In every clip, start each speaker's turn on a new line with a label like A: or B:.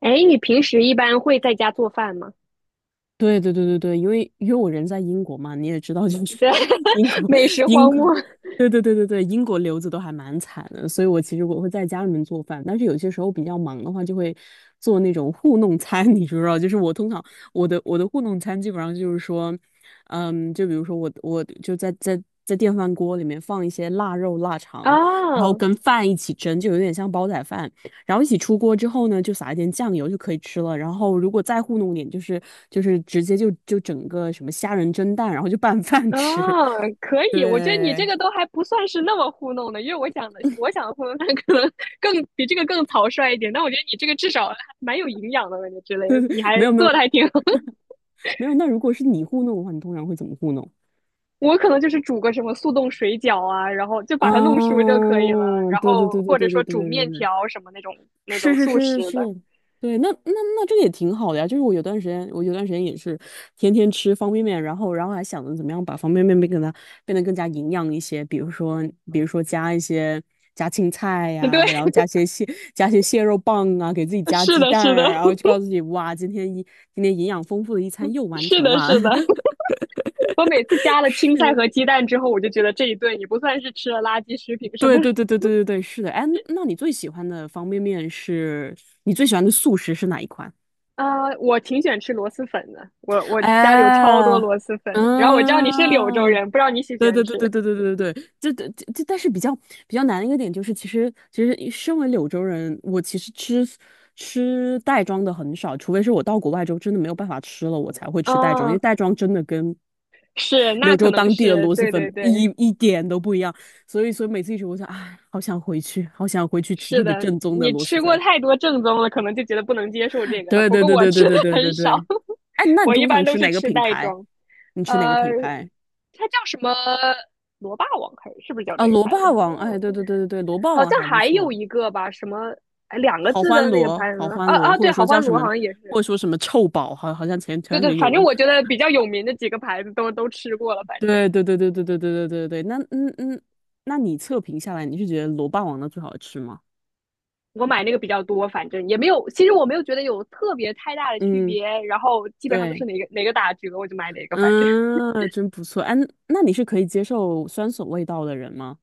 A: 哎，你平时一般会在家做饭吗？
B: 对对对对对，因为我人在英国嘛，你也知道，就是
A: 对，
B: 英国
A: 美食
B: 英
A: 荒
B: 国，
A: 漠。
B: 对对对对对，英国留子都还蛮惨的，所以我其实会在家里面做饭，但是有些时候比较忙的话，就会做那种糊弄餐，你知不知道？就是我通常我的糊弄餐基本上就是说，就比如说我就在电饭锅里面放一些腊肉、腊肠，然后
A: 啊
B: 跟饭一起蒸，就有点像煲仔饭。然后一起出锅之后呢，就撒一点酱油就可以吃了。然后如果再糊弄点，就是直接就整个什么虾仁蒸蛋，然后就拌 饭
A: 啊，
B: 吃。
A: 可 以，我觉得你这
B: 对，
A: 个都还不算是那么糊弄的，因为我想的糊弄饭可能更比这个更草率一点，但我觉得你这个至少还蛮有营养的，感觉之类的，你还
B: 没有没
A: 做
B: 有
A: 的还挺好。
B: 没有，那如果是你糊弄的话，你通常会怎么糊弄？
A: 我可能就是煮个什么速冻水饺啊，然后就
B: 啊，
A: 把它弄熟就可以了，然
B: 对对
A: 后
B: 对对
A: 或者
B: 对
A: 说
B: 对对
A: 煮
B: 对
A: 面
B: 对，
A: 条什么那种
B: 是是
A: 速
B: 是是
A: 食
B: 是，
A: 的。
B: 对，那这个也挺好的呀。就是我有段时间也是天天吃方便面，然后还想着怎么样把方便面变给它变得更加营养一些，比如说加一些加青菜
A: 对，
B: 呀、然后加些蟹肉棒啊，给自己加
A: 是
B: 鸡
A: 的，
B: 蛋
A: 是的，
B: 啊，然后就告诉自己哇，今天营养丰富的一餐又 完
A: 是
B: 成
A: 的，
B: 了。
A: 是的。我每次加了青菜
B: 是。
A: 和鸡蛋之后，我就觉得这一顿也不算是吃了垃圾食品什么。
B: 对对 对对对对对，是的。哎，那你最喜欢的方便面是你最喜欢的速食是哪一款？
A: 啊、我挺喜欢吃螺蛳粉的，我家里有超
B: 哎，
A: 多螺蛳粉。然后我知道你是柳州
B: 嗯，
A: 人，不知道你喜不喜
B: 对
A: 欢
B: 对对
A: 吃？
B: 对对对对对对，这，但是比较难的一个点就是，其实身为柳州人，我其实吃袋装的很少，除非是我到国外之后真的没有办法吃了，我才会吃袋装，因
A: 啊，
B: 为袋装真的跟
A: 是，那
B: 柳
A: 可
B: 州
A: 能
B: 当地的
A: 是，
B: 螺蛳
A: 对对
B: 粉一
A: 对，
B: 一点都不一样，所以每次一吃，我想，哎，好想回去，好想回去吃
A: 是
B: 特别
A: 的。
B: 正宗的
A: 你
B: 螺蛳
A: 吃过
B: 粉。
A: 太多正宗了，可能就觉得不能接受这个了。
B: 对
A: 不
B: 对
A: 过
B: 对
A: 我
B: 对对
A: 吃的
B: 对对
A: 很
B: 对
A: 少。
B: 对，哎，那你
A: 我一
B: 通
A: 般
B: 常
A: 都
B: 吃
A: 是
B: 哪个
A: 吃
B: 品
A: 袋
B: 牌？
A: 装。
B: 你吃哪个
A: 呃，
B: 品牌？
A: 它叫什么？螺霸王还是是不是叫
B: 啊，
A: 这个
B: 螺
A: 牌子？
B: 霸王，哎，
A: 我
B: 对对对对对，螺霸
A: 好
B: 王
A: 像
B: 还不
A: 还有
B: 错，
A: 一个吧，什么哎两个
B: 好
A: 字
B: 欢
A: 的那个
B: 螺，
A: 牌
B: 好
A: 子
B: 欢
A: 啊
B: 螺，
A: 啊，
B: 或
A: 对，
B: 者
A: 好
B: 说叫
A: 欢
B: 什
A: 螺
B: 么，
A: 好像也
B: 或
A: 是，
B: 者说什么臭宝，好像前前
A: 对
B: 段时
A: 对，
B: 间有
A: 反正
B: 个，
A: 我觉得比较有名的几个牌子都吃过了，反正
B: 对对对对对对对对对对，那嗯嗯，那你测评下来，你是觉得螺霸王的最好吃吗？
A: 我买那个比较多，反正也没有，其实我没有觉得有特别太大的区
B: 嗯，
A: 别，然后基本上都
B: 对，
A: 是哪个哪个打折我就买哪个，反正。
B: 嗯，真不错，哎，那你是可以接受酸笋味道的人吗？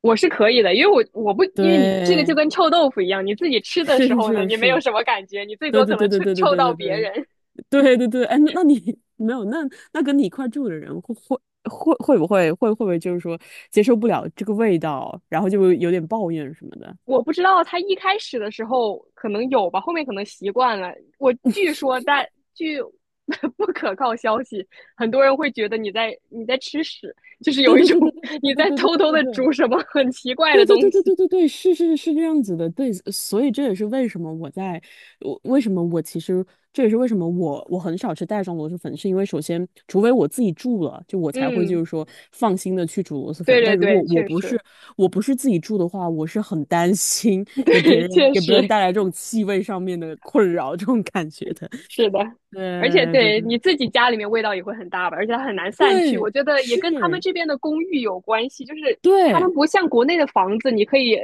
A: 我是可以的，因为我我不因为你这个就
B: 对，
A: 跟臭豆腐一样，你自己吃的
B: 是
A: 时
B: 是
A: 候呢，
B: 是
A: 你没有
B: 是，
A: 什么感觉，你最
B: 对
A: 多
B: 对
A: 可能
B: 对对
A: 臭
B: 对对
A: 臭
B: 对
A: 到
B: 对对
A: 别人，
B: 对对对，哎，那你没有那跟你一块住的人会会不会就是说接受不了这个味道，然后就有点抱怨什么的？
A: 我不知道他一开始的时候可能有吧，后面可能习惯了。我据说但据 不可靠消息，很多人会觉得你在吃屎，就是
B: 对
A: 有一
B: 对
A: 种
B: 对对对对对
A: 你
B: 对
A: 在
B: 对对
A: 偷
B: 对
A: 偷
B: 对
A: 的
B: 对
A: 煮什么很奇怪
B: 对
A: 的
B: 对
A: 东
B: 对对
A: 西。
B: 对对对，是是是这样子的，对，所以这也是为什么我在，我为什么我其实这也是为什么我很少吃袋装螺蛳粉，是因为首先，除非我自己住了，就我才会就
A: 嗯，
B: 是说放心的去煮螺蛳
A: 对
B: 粉，
A: 对
B: 但如
A: 对，
B: 果我
A: 确
B: 不是
A: 实，
B: 我不是自己住的话，我是很担心 给别
A: 对，
B: 人
A: 确
B: 给别人
A: 实。
B: 带来这种气味上面的困扰这种感觉的。
A: 是的，而且
B: 对对
A: 对
B: 对
A: 你自己家里面味道也会很大吧，而且它很难散去。
B: 对，
A: 我觉得也跟他们
B: 是，
A: 这边的公寓有关系，就是他
B: 对
A: 们不像国内的房子，你可以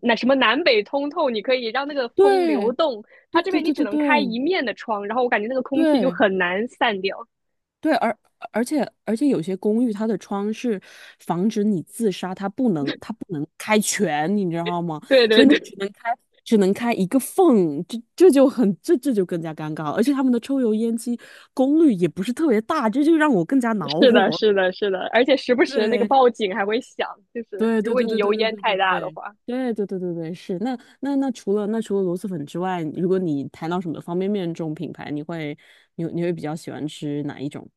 A: 那什么南北通透，你可以让那个风流
B: 对
A: 动。它
B: 对
A: 这
B: 对
A: 边你
B: 对
A: 只
B: 对
A: 能开一
B: 对
A: 面的窗，然后我感觉那个空气就
B: 对。
A: 很难散掉。
B: 对，而且有些公寓它的窗是防止你自杀，它不能开全，你知道吗？
A: 对
B: 所
A: 对
B: 以你就
A: 对，
B: 只能开一个缝，这就更加尴尬了。而且他们的抽油烟机功率也不是特别大，这就让我更加 恼
A: 是的，
B: 火。
A: 是的，是的，而且时不时那个报 警还会响，就是
B: 对
A: 如
B: 对
A: 果
B: 对
A: 你
B: 对
A: 油
B: 对对对
A: 烟
B: 对
A: 太
B: 对
A: 大的
B: 对。
A: 话。
B: 对对对对对，是那那除了螺蛳粉之外，如果你谈到什么方便面这种品牌，你会比较喜欢吃哪一种？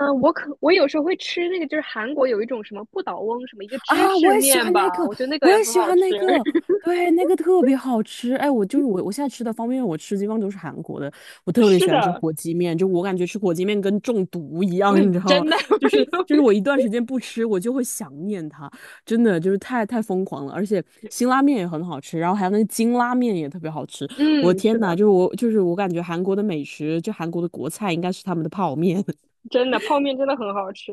A: 嗯，我有时候会吃那个，就是韩国有一种什么不倒翁，什么一个芝
B: 啊，我
A: 士
B: 也喜
A: 面
B: 欢那
A: 吧，
B: 个，
A: 我觉得那个
B: 我
A: 也
B: 也
A: 很
B: 喜
A: 好
B: 欢
A: 吃。
B: 那个，对，那个特别好吃。哎，我就是我，我现在吃的方便面，我吃的基本上都是韩国的。我特别
A: 是
B: 喜欢吃
A: 的，
B: 火鸡面，就我感觉吃火鸡面跟中毒一
A: 不
B: 样，你
A: 是
B: 知道吗？
A: 真的，我
B: 就是
A: 有
B: 我一段时间不吃，我就会想念它，真的就是太疯狂了。而且辛拉面也很好吃，然后还有那个金拉面也特别好吃。我
A: 嗯，
B: 天
A: 是
B: 呐，
A: 的，
B: 就是我感觉韩国的美食，就韩国的国菜应该是他们的泡面。
A: 真的，泡面真的很好吃，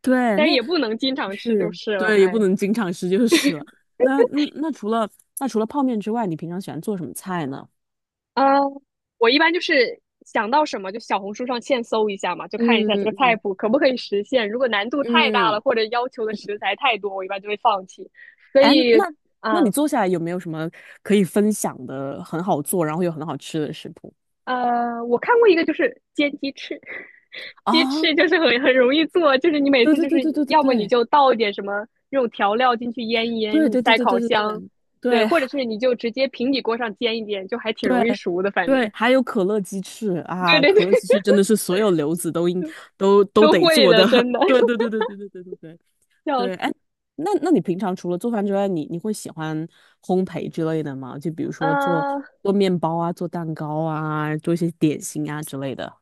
B: 对，
A: 但是
B: 那
A: 也不能经常吃就
B: 是
A: 是了。
B: 对，也不
A: 哎，
B: 能经常吃就是了。那嗯，那除了泡面之外，你平常喜欢做什么菜呢？
A: 啊，我一般就是想到什么就小红书上现搜一下嘛，就看一
B: 嗯
A: 下这个菜
B: 嗯
A: 谱可不可以实现。如果难度太大了，
B: 嗯，
A: 或者要求的食材太多，我一般就会放弃。所
B: 哎，那
A: 以，
B: 那你
A: 啊。
B: 做下来有没有什么可以分享的很好做，然后又很好吃的食谱？
A: 我看过一个，就是煎鸡翅。
B: 啊，
A: 鸡翅就是很容易做，就是你每
B: 对
A: 次
B: 对
A: 就是
B: 对对对对
A: 要么你
B: 对
A: 就倒一点什么那种调料进去腌一腌，
B: 对
A: 你
B: 对对
A: 塞
B: 对
A: 烤
B: 对对
A: 箱，
B: 对
A: 对，
B: 对
A: 或者是
B: 还
A: 你就直接平底锅上煎一煎，就还挺
B: 对
A: 容易熟的，反正。
B: 对，还有可乐鸡翅
A: 对
B: 啊，
A: 对
B: 可
A: 对，
B: 乐鸡翅真 的是所有留子都应都都
A: 都
B: 得
A: 会
B: 做
A: 的，
B: 的。
A: 真的，
B: 对对 对对对对对对对。
A: 笑
B: 对，
A: 死。
B: 哎，那你平常除了做饭之外，你会喜欢烘焙之类的吗？就比如说做
A: 呃，
B: 做面包啊，做蛋糕啊，做一些点心啊之类的。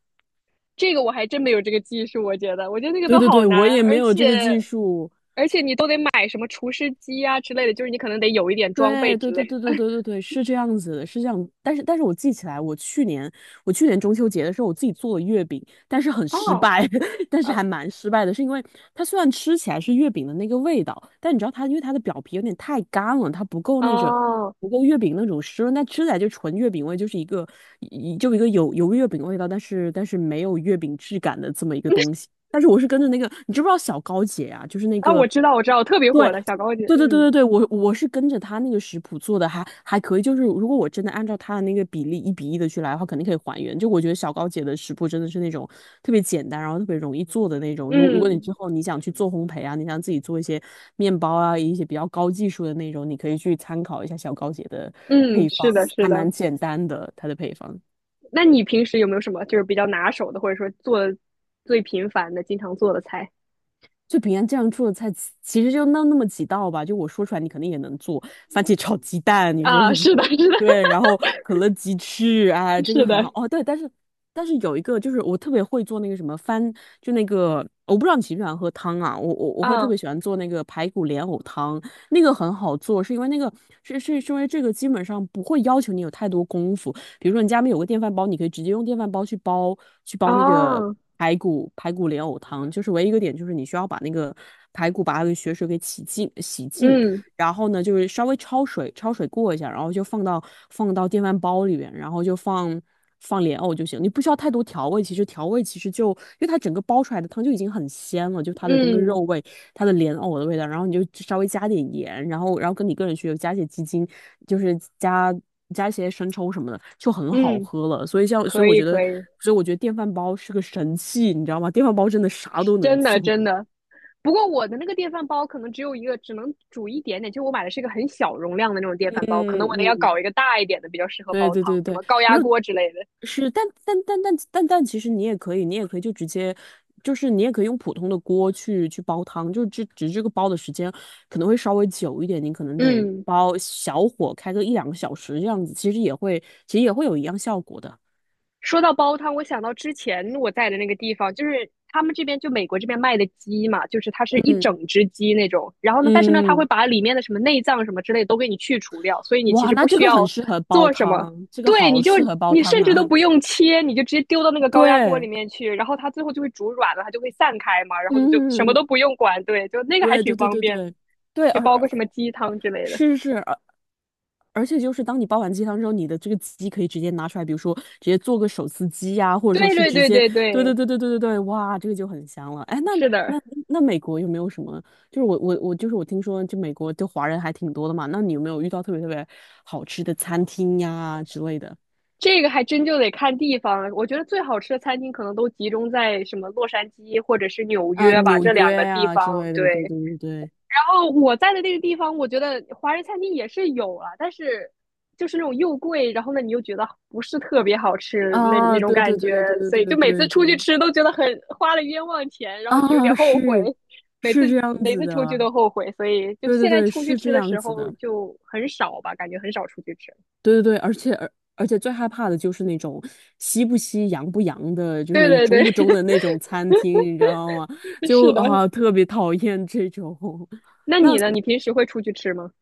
A: 这个我还真没有这个技术，我觉得，我觉得那个
B: 对
A: 都
B: 对
A: 好
B: 对，我
A: 难，
B: 也没
A: 而
B: 有
A: 且
B: 这个技术，
A: 你都得买什么厨师机啊之类的，就是你可能得有一点装备
B: 对
A: 之
B: 对
A: 类
B: 对对对
A: 的。
B: 对对对，是这样子的，是这样。但是我记起来，我去年中秋节的时候，我自己做了月饼，但是很失
A: 哦，
B: 败，但是
A: 呃，
B: 还蛮失败的，是因为它虽然吃起来是月饼的那个味道，但你知道它因为它的表皮有点太干了，它
A: 哦，
B: 不够月饼那种湿润，但吃起来就纯月饼味，就是一个有月饼味道，但是没有月饼质感的这么一个东西。但是我是跟着那个，你知不知道小高姐啊？就是那
A: 啊，
B: 个。
A: 我知道，我知道，特别
B: 对，
A: 火的小高姐，
B: 对对对对对，我是跟着他那个食谱做的还可以。就是如果我真的按照他的那个比例一比一的去来的话，肯定可以还原。就我觉得小高姐的食谱真的是那种特别简单，然后特别容易做的那种。如果你之
A: 嗯
B: 后你想去做烘焙啊，你想自己做一些面包啊，一些比较高技术的那种，你可以去参考一下小高姐的
A: 嗯，
B: 配方，
A: 是的，是
B: 还
A: 的。
B: 蛮简单的，她的配方。
A: 那你平时有没有什么就是比较拿手的，或者说做的最频繁的、经常做的菜
B: 就平安这样做的菜，其实就那么几道吧。就我说出来，你肯定也能做。番茄炒鸡蛋，你说
A: 啊？
B: 是不是？
A: 是的，是的，
B: 对，然后可乐鸡翅，哎，这个
A: 是
B: 很好。
A: 的，
B: 哦，对，但是有一个就是我特别会做那个什么番，就那个我不知道你喜不喜欢喝汤啊。我会特
A: 啊
B: 别喜欢做那个排骨莲藕汤，那个很好做，是因为那个是因为这个基本上不会要求你有太多功夫。比如说你家里面有个电饭煲，你可以直接用电饭煲去煲那个
A: 啊，
B: 排骨莲藕汤，就是唯一一个点就是你需要把那个排骨把它的血水给洗净，
A: 嗯
B: 然后呢，就是稍微焯水过一下，然后就放到电饭煲里边，然后就放莲藕就行，你不需要太多调味。其实调味就因为它整个煲出来的汤就已经很鲜了，就它的那个肉
A: 嗯
B: 味，它的莲藕的味道，然后你就稍微加点盐，然后跟你个人需求加些鸡精，就是加一些生抽什么的，就很好
A: 嗯，
B: 喝了。所以像所以
A: 可
B: 我
A: 以
B: 觉得，
A: 可以，
B: 所以我觉得电饭煲是个神器，你知道吗？电饭煲真的啥都能
A: 真的
B: 做。
A: 真的。不过我的那个电饭煲可能只有一个，只能煮一点点。就我买的是一个很小容量的那种电
B: 嗯
A: 饭煲，可能我得要
B: 嗯。
A: 搞一个大一点的，比较适合
B: 对
A: 煲
B: 对
A: 汤，
B: 对
A: 什
B: 对，
A: 么高
B: 没
A: 压
B: 有，
A: 锅之类的。
B: 是，但，其实你也可以，你也可以就直接，就是你也可以用普通的锅去煲汤，就只这个煲的时间可能会稍微久一点，你可能得
A: 嗯。
B: 煲小火开个一两个小时这样子，其实也会有一样效果的。
A: 说到煲汤，我想到之前我在的那个地方，就是他们这边就美国这边卖的鸡嘛，就是它是一
B: 嗯，
A: 整只鸡那种。然后呢，但是呢，它会
B: 嗯，
A: 把里面的什么内脏什么之类的都给你去除掉，所以你其
B: 哇，
A: 实不
B: 那这
A: 需
B: 个很
A: 要
B: 适合煲
A: 做什么。
B: 汤，这个
A: 对，
B: 好
A: 你就
B: 适合煲
A: 你
B: 汤
A: 甚至都
B: 啊。
A: 不用切，你就直接丢到那 个高压锅里
B: 对，
A: 面去，然后它最后就会煮软了，它就会散开嘛，然后你就什么
B: 嗯，
A: 都不用管。对，就那个还
B: 对
A: 挺
B: 对对
A: 方
B: 对
A: 便的，
B: 对对，
A: 可以煲个什么鸡汤之类的。
B: 是是，而且就是当你煲完鸡汤之后，你的这个鸡可以直接拿出来，比如说直接做个手撕鸡呀、或者说
A: 对
B: 是
A: 对
B: 直
A: 对
B: 接，
A: 对
B: 对对
A: 对，
B: 对对对对对，哇，这个就很香了。哎，
A: 是的。
B: 那那美国有没有什么？就是我听说，就美国就华人还挺多的嘛。那你有没有遇到特别好吃的餐厅呀之类的？
A: 这个还真就得看地方。我觉得最好吃的餐厅可能都集中在什么洛杉矶或者是纽
B: 啊，
A: 约吧，
B: 纽
A: 这两
B: 约
A: 个地
B: 呀之
A: 方。
B: 类的，
A: 对，
B: 对对
A: 然
B: 对对，
A: 后我在的那个地方，我觉得华人餐厅也是有啊，但是就是那种又贵，然后呢你又觉得不是特别好吃那
B: 啊，
A: 那种
B: 对
A: 感
B: 对对
A: 觉，
B: 对对
A: 所
B: 对
A: 以就
B: 对
A: 每次
B: 对
A: 出去
B: 对，
A: 吃都觉得很花了冤枉钱，然后就有点
B: 啊，
A: 后悔。
B: 是
A: 每次
B: 是这样
A: 每
B: 子
A: 次出去
B: 的。
A: 都后悔，所以就
B: 对
A: 现
B: 对
A: 在
B: 对，
A: 出去
B: 是
A: 吃
B: 这
A: 的
B: 样
A: 时
B: 子
A: 候
B: 的。
A: 就很少吧，感觉很少出去吃。
B: 对对对，而且最害怕的就是那种西不西洋不洋的，就
A: 对
B: 是
A: 对
B: 中
A: 对，
B: 不中的那种餐厅，你知道吗？就
A: 是的。
B: 啊、特别讨厌这种。
A: 那
B: 那
A: 你呢？你平时会出去吃吗？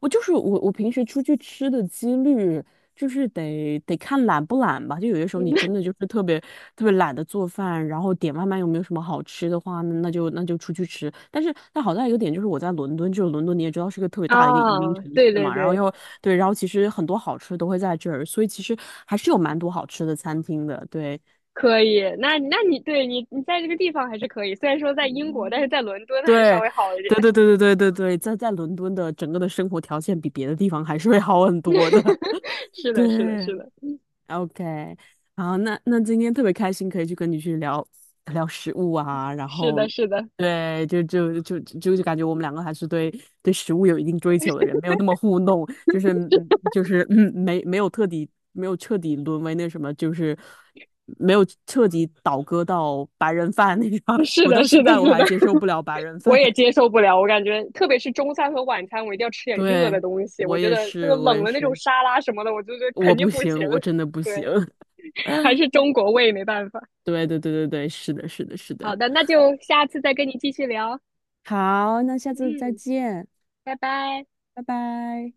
B: 我就是我，我平时出去吃的几率就是得看懒不懒吧。就有些时候
A: 嗯，
B: 你真的就是特别懒得做饭，然后点外卖又没有什么好吃的话，那就出去吃。但是但好在一个点就是我在伦敦，就是伦敦你也知道是个特别大的一个移民
A: 啊，
B: 城
A: 对
B: 市
A: 对
B: 嘛，然后
A: 对，
B: 又对，然后其实很多好吃的都会在这儿，所以其实还是有蛮多好吃的餐厅的。对
A: 可以。那那你对你在这个地方还是可以，虽然说在英国，但是
B: 嗯
A: 在伦敦还是稍
B: 对
A: 微好一点。
B: 对对对对对对对，在伦敦的整个的生活条件比别的地方还是会好很多的。
A: 是的，是的，
B: 对。
A: 是的，
B: OK，然后那今天特别开心，可以去跟你去聊聊食物啊，然
A: 是
B: 后，
A: 的，是的，
B: 对，就感觉我们两个还是对食物有一定追求的人，没有那么糊弄，就是没有彻底沦为那什么，就是没有彻底倒戈到白人饭那种，
A: 是
B: 我
A: 的，
B: 到
A: 是
B: 现
A: 的，
B: 在我
A: 是
B: 还
A: 的，
B: 接受 不了白人
A: 我
B: 饭，
A: 也接受不了。我感觉，特别是中餐和晚餐，我一定要吃 点热的
B: 对，
A: 东西。我
B: 我
A: 觉
B: 也
A: 得这个
B: 是，我
A: 冷
B: 也
A: 的那种
B: 是，
A: 沙拉什么的，我就觉得
B: 我
A: 肯定
B: 不
A: 不行。
B: 行，我真的不 行，
A: 对，还是中国胃没办法。
B: 对对对对对，是的，是的，是的。
A: 好的，那就下次再跟你继续聊。
B: 好，那下次再
A: 嗯，
B: 见，
A: 拜拜。
B: 拜拜。